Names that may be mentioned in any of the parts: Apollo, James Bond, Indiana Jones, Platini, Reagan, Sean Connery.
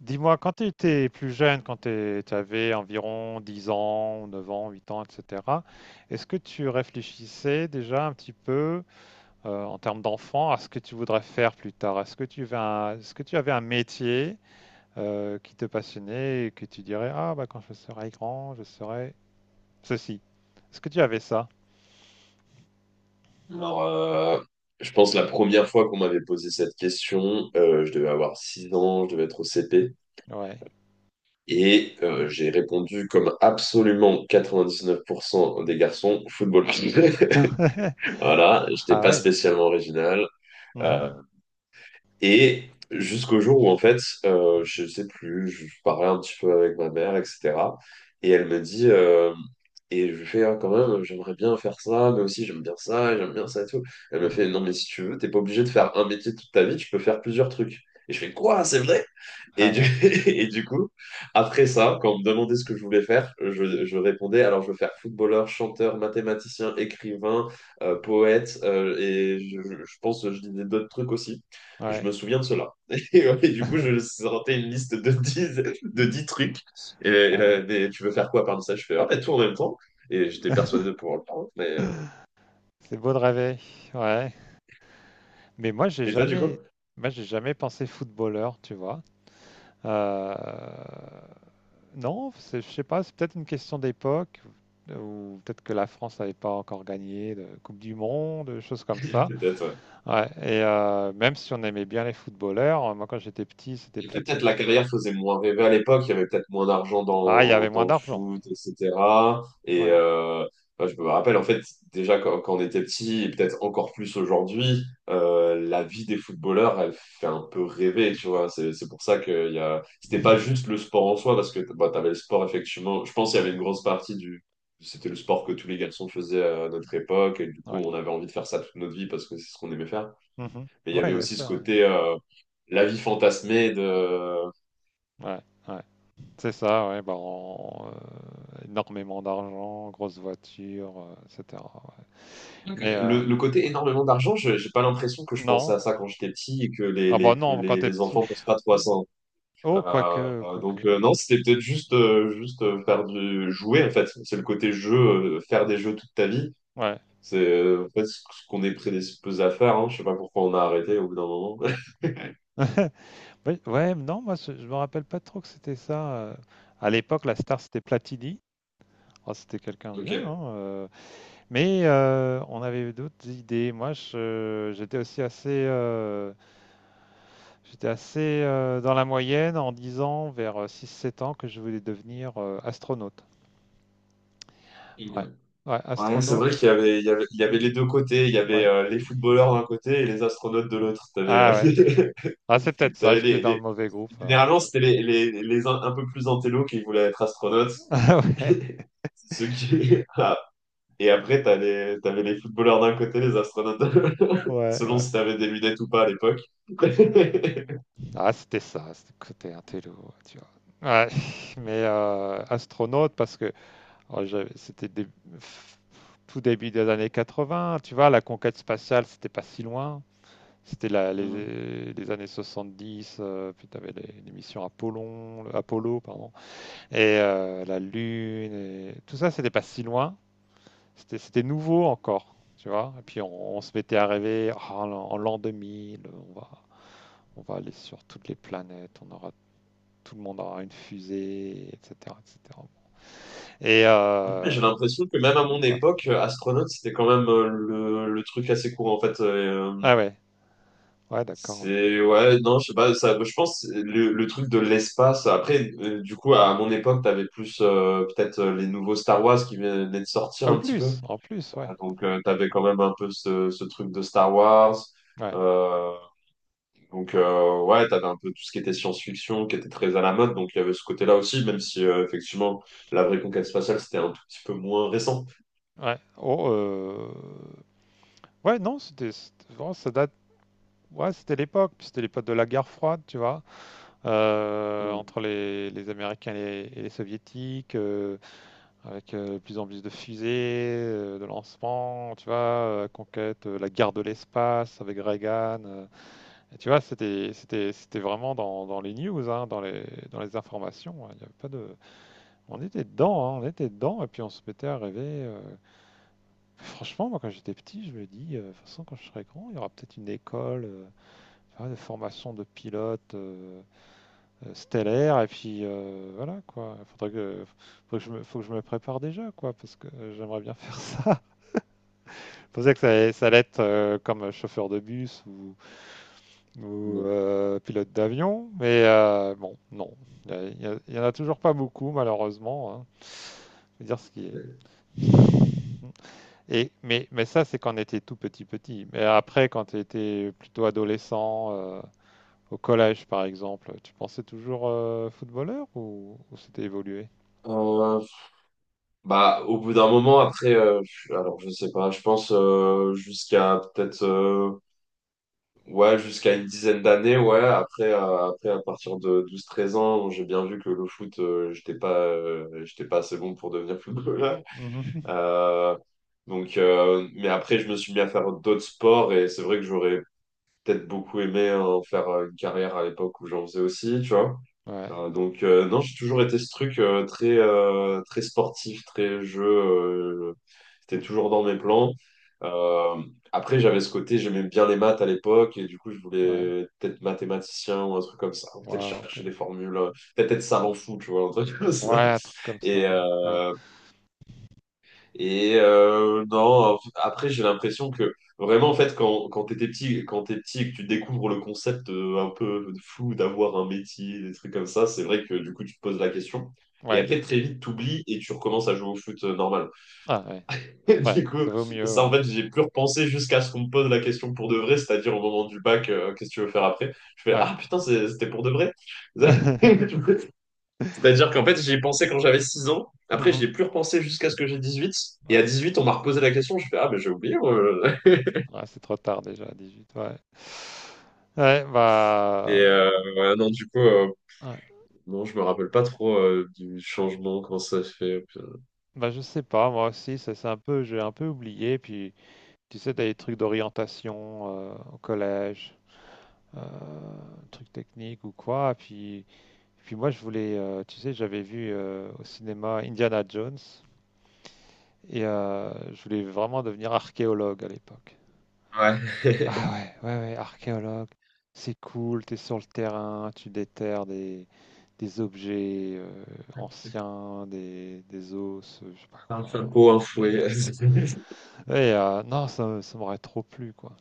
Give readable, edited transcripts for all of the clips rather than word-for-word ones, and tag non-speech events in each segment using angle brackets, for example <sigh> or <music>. Dis-moi, quand tu étais plus jeune, quand tu avais environ 10 ans, 9 ans, 8 ans, etc., est-ce que tu réfléchissais déjà un petit peu en termes d'enfant à ce que tu voudrais faire plus tard? Est-ce que tu avais un métier qui te passionnait et que tu dirais, ah bah quand je serai grand, je serai ceci. Est-ce que tu avais ça? Alors, je pense la première fois qu'on m'avait posé cette question, je devais avoir 6 ans, je devais être au CP. Ouais. Et j'ai répondu comme absolument 99% des garçons, football. <laughs> <laughs> Voilà, Ah j'étais ah pas ouais. spécialement original. Euh, Mhm. Et jusqu'au jour où, en fait, je sais plus, je parlais un petit peu avec ma mère, etc. Et elle me dit, et je lui fais, ah, quand même, j'aimerais bien faire ça, mais aussi j'aime bien ça et tout. Elle me Mhm. fait, non, mais si tu veux, t'es pas obligé de faire un métier toute ta vie, tu peux faire plusieurs trucs. Et je fais, quoi, c'est vrai? Et Ah du, ouais. <laughs> et du coup, après ça, quand on me demandait ce que je voulais faire, je répondais, alors je veux faire footballeur, chanteur, mathématicien, écrivain, poète, et je pense que je disais d'autres trucs aussi, mais je me Ouais. souviens de cela. <laughs> Et, ouais, et du coup, <laughs> je sortais une liste de dix trucs, et là, Ah. mais tu veux faire quoi parmi ça? Je fais, ah, bah, tout en même temps, et j'étais persuadé de <laughs> pouvoir le faire. Mais. C'est beau de rêver. Ouais. Mais moi, Et toi, du coup? J'ai jamais pensé footballeur, tu vois. Euh, non, je sais pas, c'est peut-être une question d'époque, ou peut-être que la France n'avait pas encore gagné de Coupe du Monde, des choses comme ça. Peut-être, ouais. Ouais, et même si on aimait bien les footballeurs, moi, quand j'étais petit, c'était Et fait peut-être Platini. la carrière faisait moins rêver à l'époque, il y avait peut-être moins d'argent Ah, il y dans, avait moins dans le d'argent. foot, etc. Et Ouais. Bah, je me rappelle, en fait, déjà quand, quand on était petit, et peut-être encore plus aujourd'hui, la vie des footballeurs, elle fait un peu rêver, tu vois. C'est pour ça que il y a. C'était pas juste le sport en soi, parce que bah, tu avais le sport, effectivement. Je pense qu'il y avait Mhm. une grosse partie du. C'était le sport que tous les garçons faisaient à notre époque, et du coup, Ouais. on avait envie de faire ça toute notre vie parce que c'est ce qu'on aimait faire. Mhm. Mais il y Ouais, avait il y a aussi ce ça. Ouais. côté la vie fantasmée de. Ouais. Ouais. C'est ça, ouais, bah, énormément d'argent, grosse voiture, etc. Ouais. Donc, Mais le côté énormément d'argent. J'ai pas l'impression que je pensais non, à ça quand j'étais petit et que les ah bah les que non, quand les, t'es les petit. enfants pensent pas trop à ça, hein. Oh, quoique, quoique, Donc non, c'était peut-être juste faire du jouer en fait. C'est le côté jeu, faire des jeux toute ta vie. ouais. C'est en fait ce qu'on est prédisposé à faire, hein. Je sais pas pourquoi on a arrêté au bout d'un moment. <laughs> <laughs> Oui, ouais, non, moi je me rappelle pas trop que c'était ça. À l'époque, la star c'était Platini. Oh, c'était quelqu'un de bien, Ok. hein. Mais on avait d'autres idées. Moi, j'étais assez dans la moyenne en 10 ans, vers six sept ans, que je voulais devenir astronaute. Ouais. Ouais, Ouais, c'est astronaute, vrai qu'il y avait, il y avait, il y avait c'était... les deux côtés. Il y avait Ouais. Les footballeurs d'un côté et les astronautes de l'autre. T'avais, Ah ouais. euh, Ah, c'est <laughs> peut-être ça, t'avais j'étais dans le mauvais groupe alors. Généralement, <laughs> Ouais. c'était les un peu plus intello qui voulaient être astronautes. Ah <laughs> ouais. C'est Ceux qui. <laughs> Ah. Et après, t'avais les footballeurs d'un côté, les astronautes <laughs> de l'autre, Ouais, selon ouais. si t'avais des lunettes ou pas à l'époque. <laughs> Ah, c'était ça, c'était le côté intello, tu vois. Ouais, <laughs> mais astronaute, parce que oh, tout début des années 80. Tu vois, la conquête spatiale, c'était pas si loin. C'était la- Hmm. les, les années 70, puis tu avais les missions Apollon, Apollo, pardon, et la Lune, et tout ça, c'était pas si loin, c'était nouveau encore, tu vois. Et puis on se mettait à rêver, ah, en l'an 2000, on va, on va aller sur toutes les planètes, tout le monde aura une fusée, etc., etc. Et cetera. Et Ouais, mais j'ai l'impression que même à mon donc, ouais. époque, astronaute, c'était quand même le truc assez courant. En fait, Ah ouais, ouais, d'accord. Ouais. c'est ouais, non, je sais pas, ça, je pense le truc de l'espace. Après, du coup, à mon époque, t'avais plus peut-être les nouveaux Star Wars qui venaient de Ah, sortir un petit peu. En plus, ouais, Donc, t'avais quand même un peu ce, ce truc de Star Wars. ouais, Euh, donc, ouais. Ouais, t'avais un peu tout ce qui était science-fiction qui était très à la mode. Donc, il y avait ce côté-là aussi, même si effectivement, la vraie conquête spatiale, c'était un tout petit peu moins récent. Ouais. Oh, ouais, non, c'était vraiment, ça date. Ouais, c'était l'époque, puis c'était l'époque de la guerre froide, tu vois, Mm, entre les Américains et et les Soviétiques, avec de plus en plus de fusées, de lancements, tu vois, conquête, la guerre de l'espace avec Reagan. Et tu vois, c'était vraiment dans les news, hein, dans les informations. Hein, il y avait pas de, on était dedans, hein, on était dedans, et puis on se mettait à rêver. Franchement, moi, quand j'étais petit, je me dis, de toute façon, quand je serai grand, il y aura peut-être une école. Ah, des formations de pilotes stellaires et puis voilà quoi. Faudrait que, faut que je me, faut que je me prépare déjà quoi parce que j'aimerais bien <laughs> faire ça. Je pensais que ça allait être comme chauffeur de bus ou, mm. Pilote d'avion, mais bon non, il y en a toujours pas beaucoup malheureusement. Hein. Faut dire ce qui est. Et mais ça c'est quand on était tout petit petit. Mais après quand tu étais plutôt adolescent. Au collège, par exemple, tu pensais toujours footballeur ou c'était évolué? Euh, Bah, au bout d'un moment, après, alors je sais pas, je pense jusqu'à peut-être, ouais, jusqu'à une dizaine d'années, ouais. Après, après, à partir de 12 13 ans, j'ai bien vu que le foot, j'étais pas assez bon pour devenir <laughs> footballeur. Mhm. <laughs> Euh, donc, mais après, je me suis mis à faire d'autres sports et c'est vrai que j'aurais peut-être beaucoup aimé en faire une carrière à l'époque où j'en faisais aussi, tu vois. Ouais. Donc, non, j'ai toujours été ce truc très sportif, très jeu, c'était Mhm, toujours dans mes plans. Euh, après, j'avais ce côté, j'aimais bien les maths à l'époque, et du coup, je ouais. voulais peut-être mathématicien ou un truc comme ça, ou peut-être Ouais, ok. chercher des formules, peut-être être savant fou, tu vois, un truc comme Ouais, ça. un truc comme ça. Et, Hein. Ouais. euh, et non, après, j'ai l'impression que vraiment, en fait, quand t'es petit et que tu découvres le concept un peu flou d'avoir un métier, des trucs comme ça, c'est vrai que du coup, tu te poses la question. Et Ouais. après, très vite, t'oublies et tu recommences à jouer au foot normal. Ah, ouais. <laughs> Et Ouais, du coup, ça vaut mieux, ça, ouais. en fait, j'ai plus repensé jusqu'à ce qu'on me pose la question pour de vrai, c'est-à-dire au moment du bac, qu'est-ce que tu veux faire après? Je fais, Ouais. ah putain, c'était pour de vrai. <laughs> <laughs> C'est-à-dire qu'en fait, j'y ai pensé quand j'avais 6 ans. Après, j'y ai Mhm. plus repensé jusqu'à ce que j'ai 18. Et Ouais, à c'est 18 on m'a reposé la question. Je fais, ah, mais j'ai oublié, moi. <laughs> ouais, c'est trop tard déjà, à 18, ouais. Ouais, Et bah, ouais, non, du coup, ouais. non, je me rappelle pas trop du changement, comment ça se fait, putain. Bah, je sais pas, moi aussi, ça, c'est un peu, j'ai un peu oublié. Puis, tu sais, t'as des trucs d'orientation au collège, euh, truc technique ou quoi. Et puis moi, je voulais, tu sais, j'avais vu au cinéma Indiana Jones et je voulais vraiment devenir archéologue à l'époque. <laughs> Ouais, Ah ouais, ouais, ouais, archéologue, c'est cool, t'es sur le terrain, tu déterres des objets anciens, des os, je sais pas <laughs> un quoi. chapeau, un C'est fouet. génial, <laughs> quoi. Et non, ça m'aurait trop plu, quoi.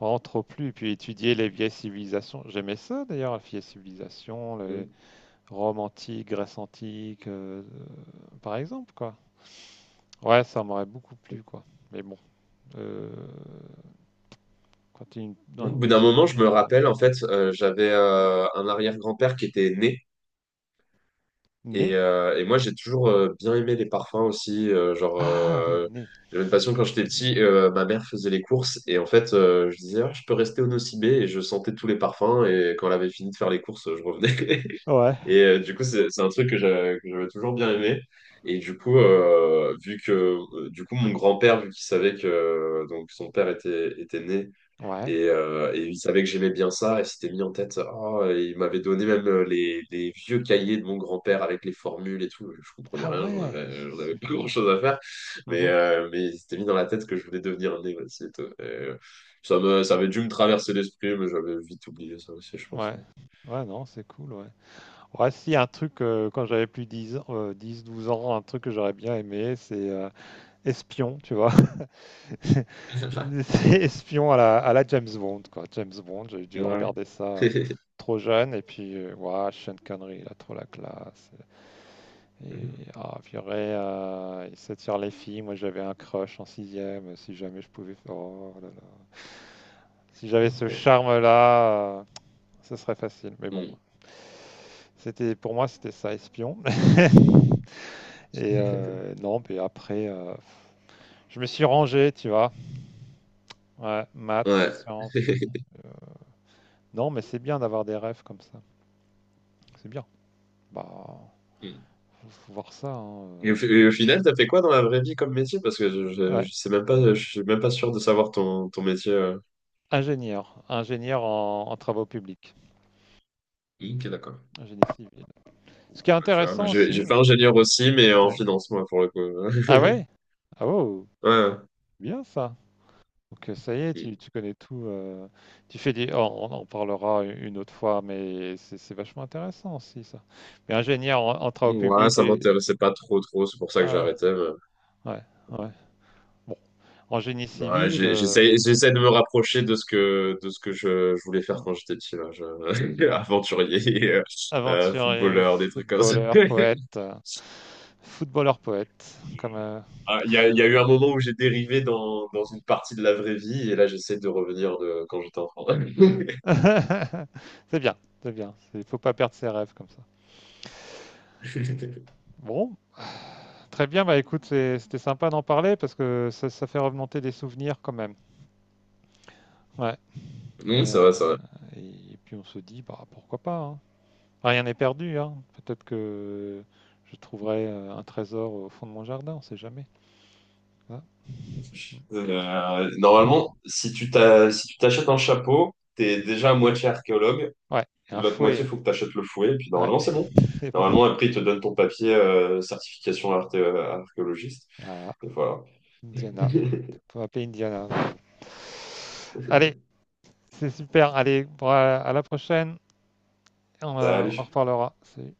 Vraiment trop plu. Et puis étudier les vieilles civilisations. J'aimais ça, d'ailleurs, les vieilles civilisations, Mm. Rome antique, Grèce antique, par exemple, quoi. Ouais, ça m'aurait beaucoup plu, quoi. Mais bon, euh, quand tu es dans Au une bout d'un petite moment, je ville. me rappelle, en Ouais. fait, j'avais un arrière-grand-père qui était né. Nez? Et moi, j'ai toujours bien aimé les parfums aussi. euh, genre, Ah oui, euh, nez. j'avais une passion quand j'étais petit. Ma mère faisait les courses. Et en fait, je disais, ah, je peux rester au Nocibé. Et je sentais tous les parfums. Et quand elle avait fini de faire les courses, je revenais. <laughs> Ouais. Et du coup, c'est un truc que j'avais toujours bien aimé. Et du coup, vu que, du coup, mon grand-père, vu qu'il savait que donc son père était, était né Ouais. Et il savait que j'aimais bien ça, et s'était mis en tête, oh, et il m'avait donné même les vieux cahiers de mon grand-père avec les formules et tout. Je comprenais Ah rien, j'en ouais, avais, j'en c'est avais pas super. grand-chose à faire, mais, Mhm. euh, mais il s'était mis dans la tête que je voulais devenir un néophyte. Et, ça me, ça avait dû me traverser l'esprit, mais j'avais vite oublié ça aussi, je pense. Ouais. Ouais, non, c'est cool, ouais. Ouais, si, un truc, quand j'avais plus 10, ans, 10, 12 ans, un truc que j'aurais bien aimé, c'est espion, tu vois. <laughs> C'est espion à la, James Bond, quoi. James Bond, j'ai dû Ouais. regarder ça <laughs> trop jeune, et puis, ouah, Sean Connery, il a trop la classe. Et, ah, purée, il s'attire les filles. Moi, j'avais un crush en sixième, si jamais je pouvais faire. Oh là là. Si j'avais ce charme-là, ce serait facile. Mais bon, Mm. c'était pour moi, c'était ça, espion. <laughs> Et non, puis après, je me suis rangé, tu vois. Ouais, maths, Ouais. sciences. <laughs> Non, mais c'est bien d'avoir des rêves comme ça. C'est bien. Bah, faut voir ça. hein, Et au final, t'as fait quoi dans la vraie vie comme métier? Parce que je, euh. je, Ouais. je sais même pas, je suis même pas sûr de savoir ton, ton métier. Ingénieur en travaux publics, Ok, d'accord. ingénie civil. Ce qui est Ouais, tu vois, moi, intéressant j'ai aussi. j'ai fait ingénieur aussi, mais en Ouais. finance, moi, pour le Ah coup. <laughs> ouais? Ah wow, Ouais. bien ça. Donc ça y est, tu connais tout. Tu fais des. On en parlera une autre fois, mais c'est vachement intéressant aussi ça. Mais ingénieur en travaux Ouais, publics ça et m'intéressait pas trop, trop. C'est pour ça que ah ouais, j'arrêtais, ouais, ouais. Bon, en génie Ouais, civil. J'essaie, j'essaie de me rapprocher de ce que je voulais faire quand j'étais petit, là. <laughs> Aventurier, Aventurier, footballeur, des trucs comme ça. footballeur, <laughs> poète. Footballeur poète, comme Ah, il y a eu un moment où j'ai dérivé dans, dans une partie de la vraie vie, et là, j'essaie de revenir de quand j'étais enfant. <laughs> <laughs> c'est bien, c'est bien. Il faut pas perdre ses rêves comme ça. Bon, très bien. Bah écoute, c'était sympa d'en parler parce que ça fait remonter des souvenirs quand même. Ouais. Mm, Et, ça euh, va, ça va. et, puis on se dit, bah pourquoi pas. Hein. Enfin, rien n'est perdu. Hein. Peut-être que je trouverai un trésor au fond de mon jardin. On sait jamais. Hein. Normalement, si tu t'achètes un chapeau, t'es déjà à moitié archéologue. Ouais. Et un L'autre moitié, fouet. faut que t'achètes le fouet. Et puis Ouais. normalement, c'est bon. <laughs> C'est bon. Normalement, après, ils te donnent ton papier certification archéologiste. Voilà. Et voilà. Indiana. <laughs> Faut appeler Indiana. Allez, c'est super. Allez, bon, à la prochaine. On en Salut. reparlera. Salut.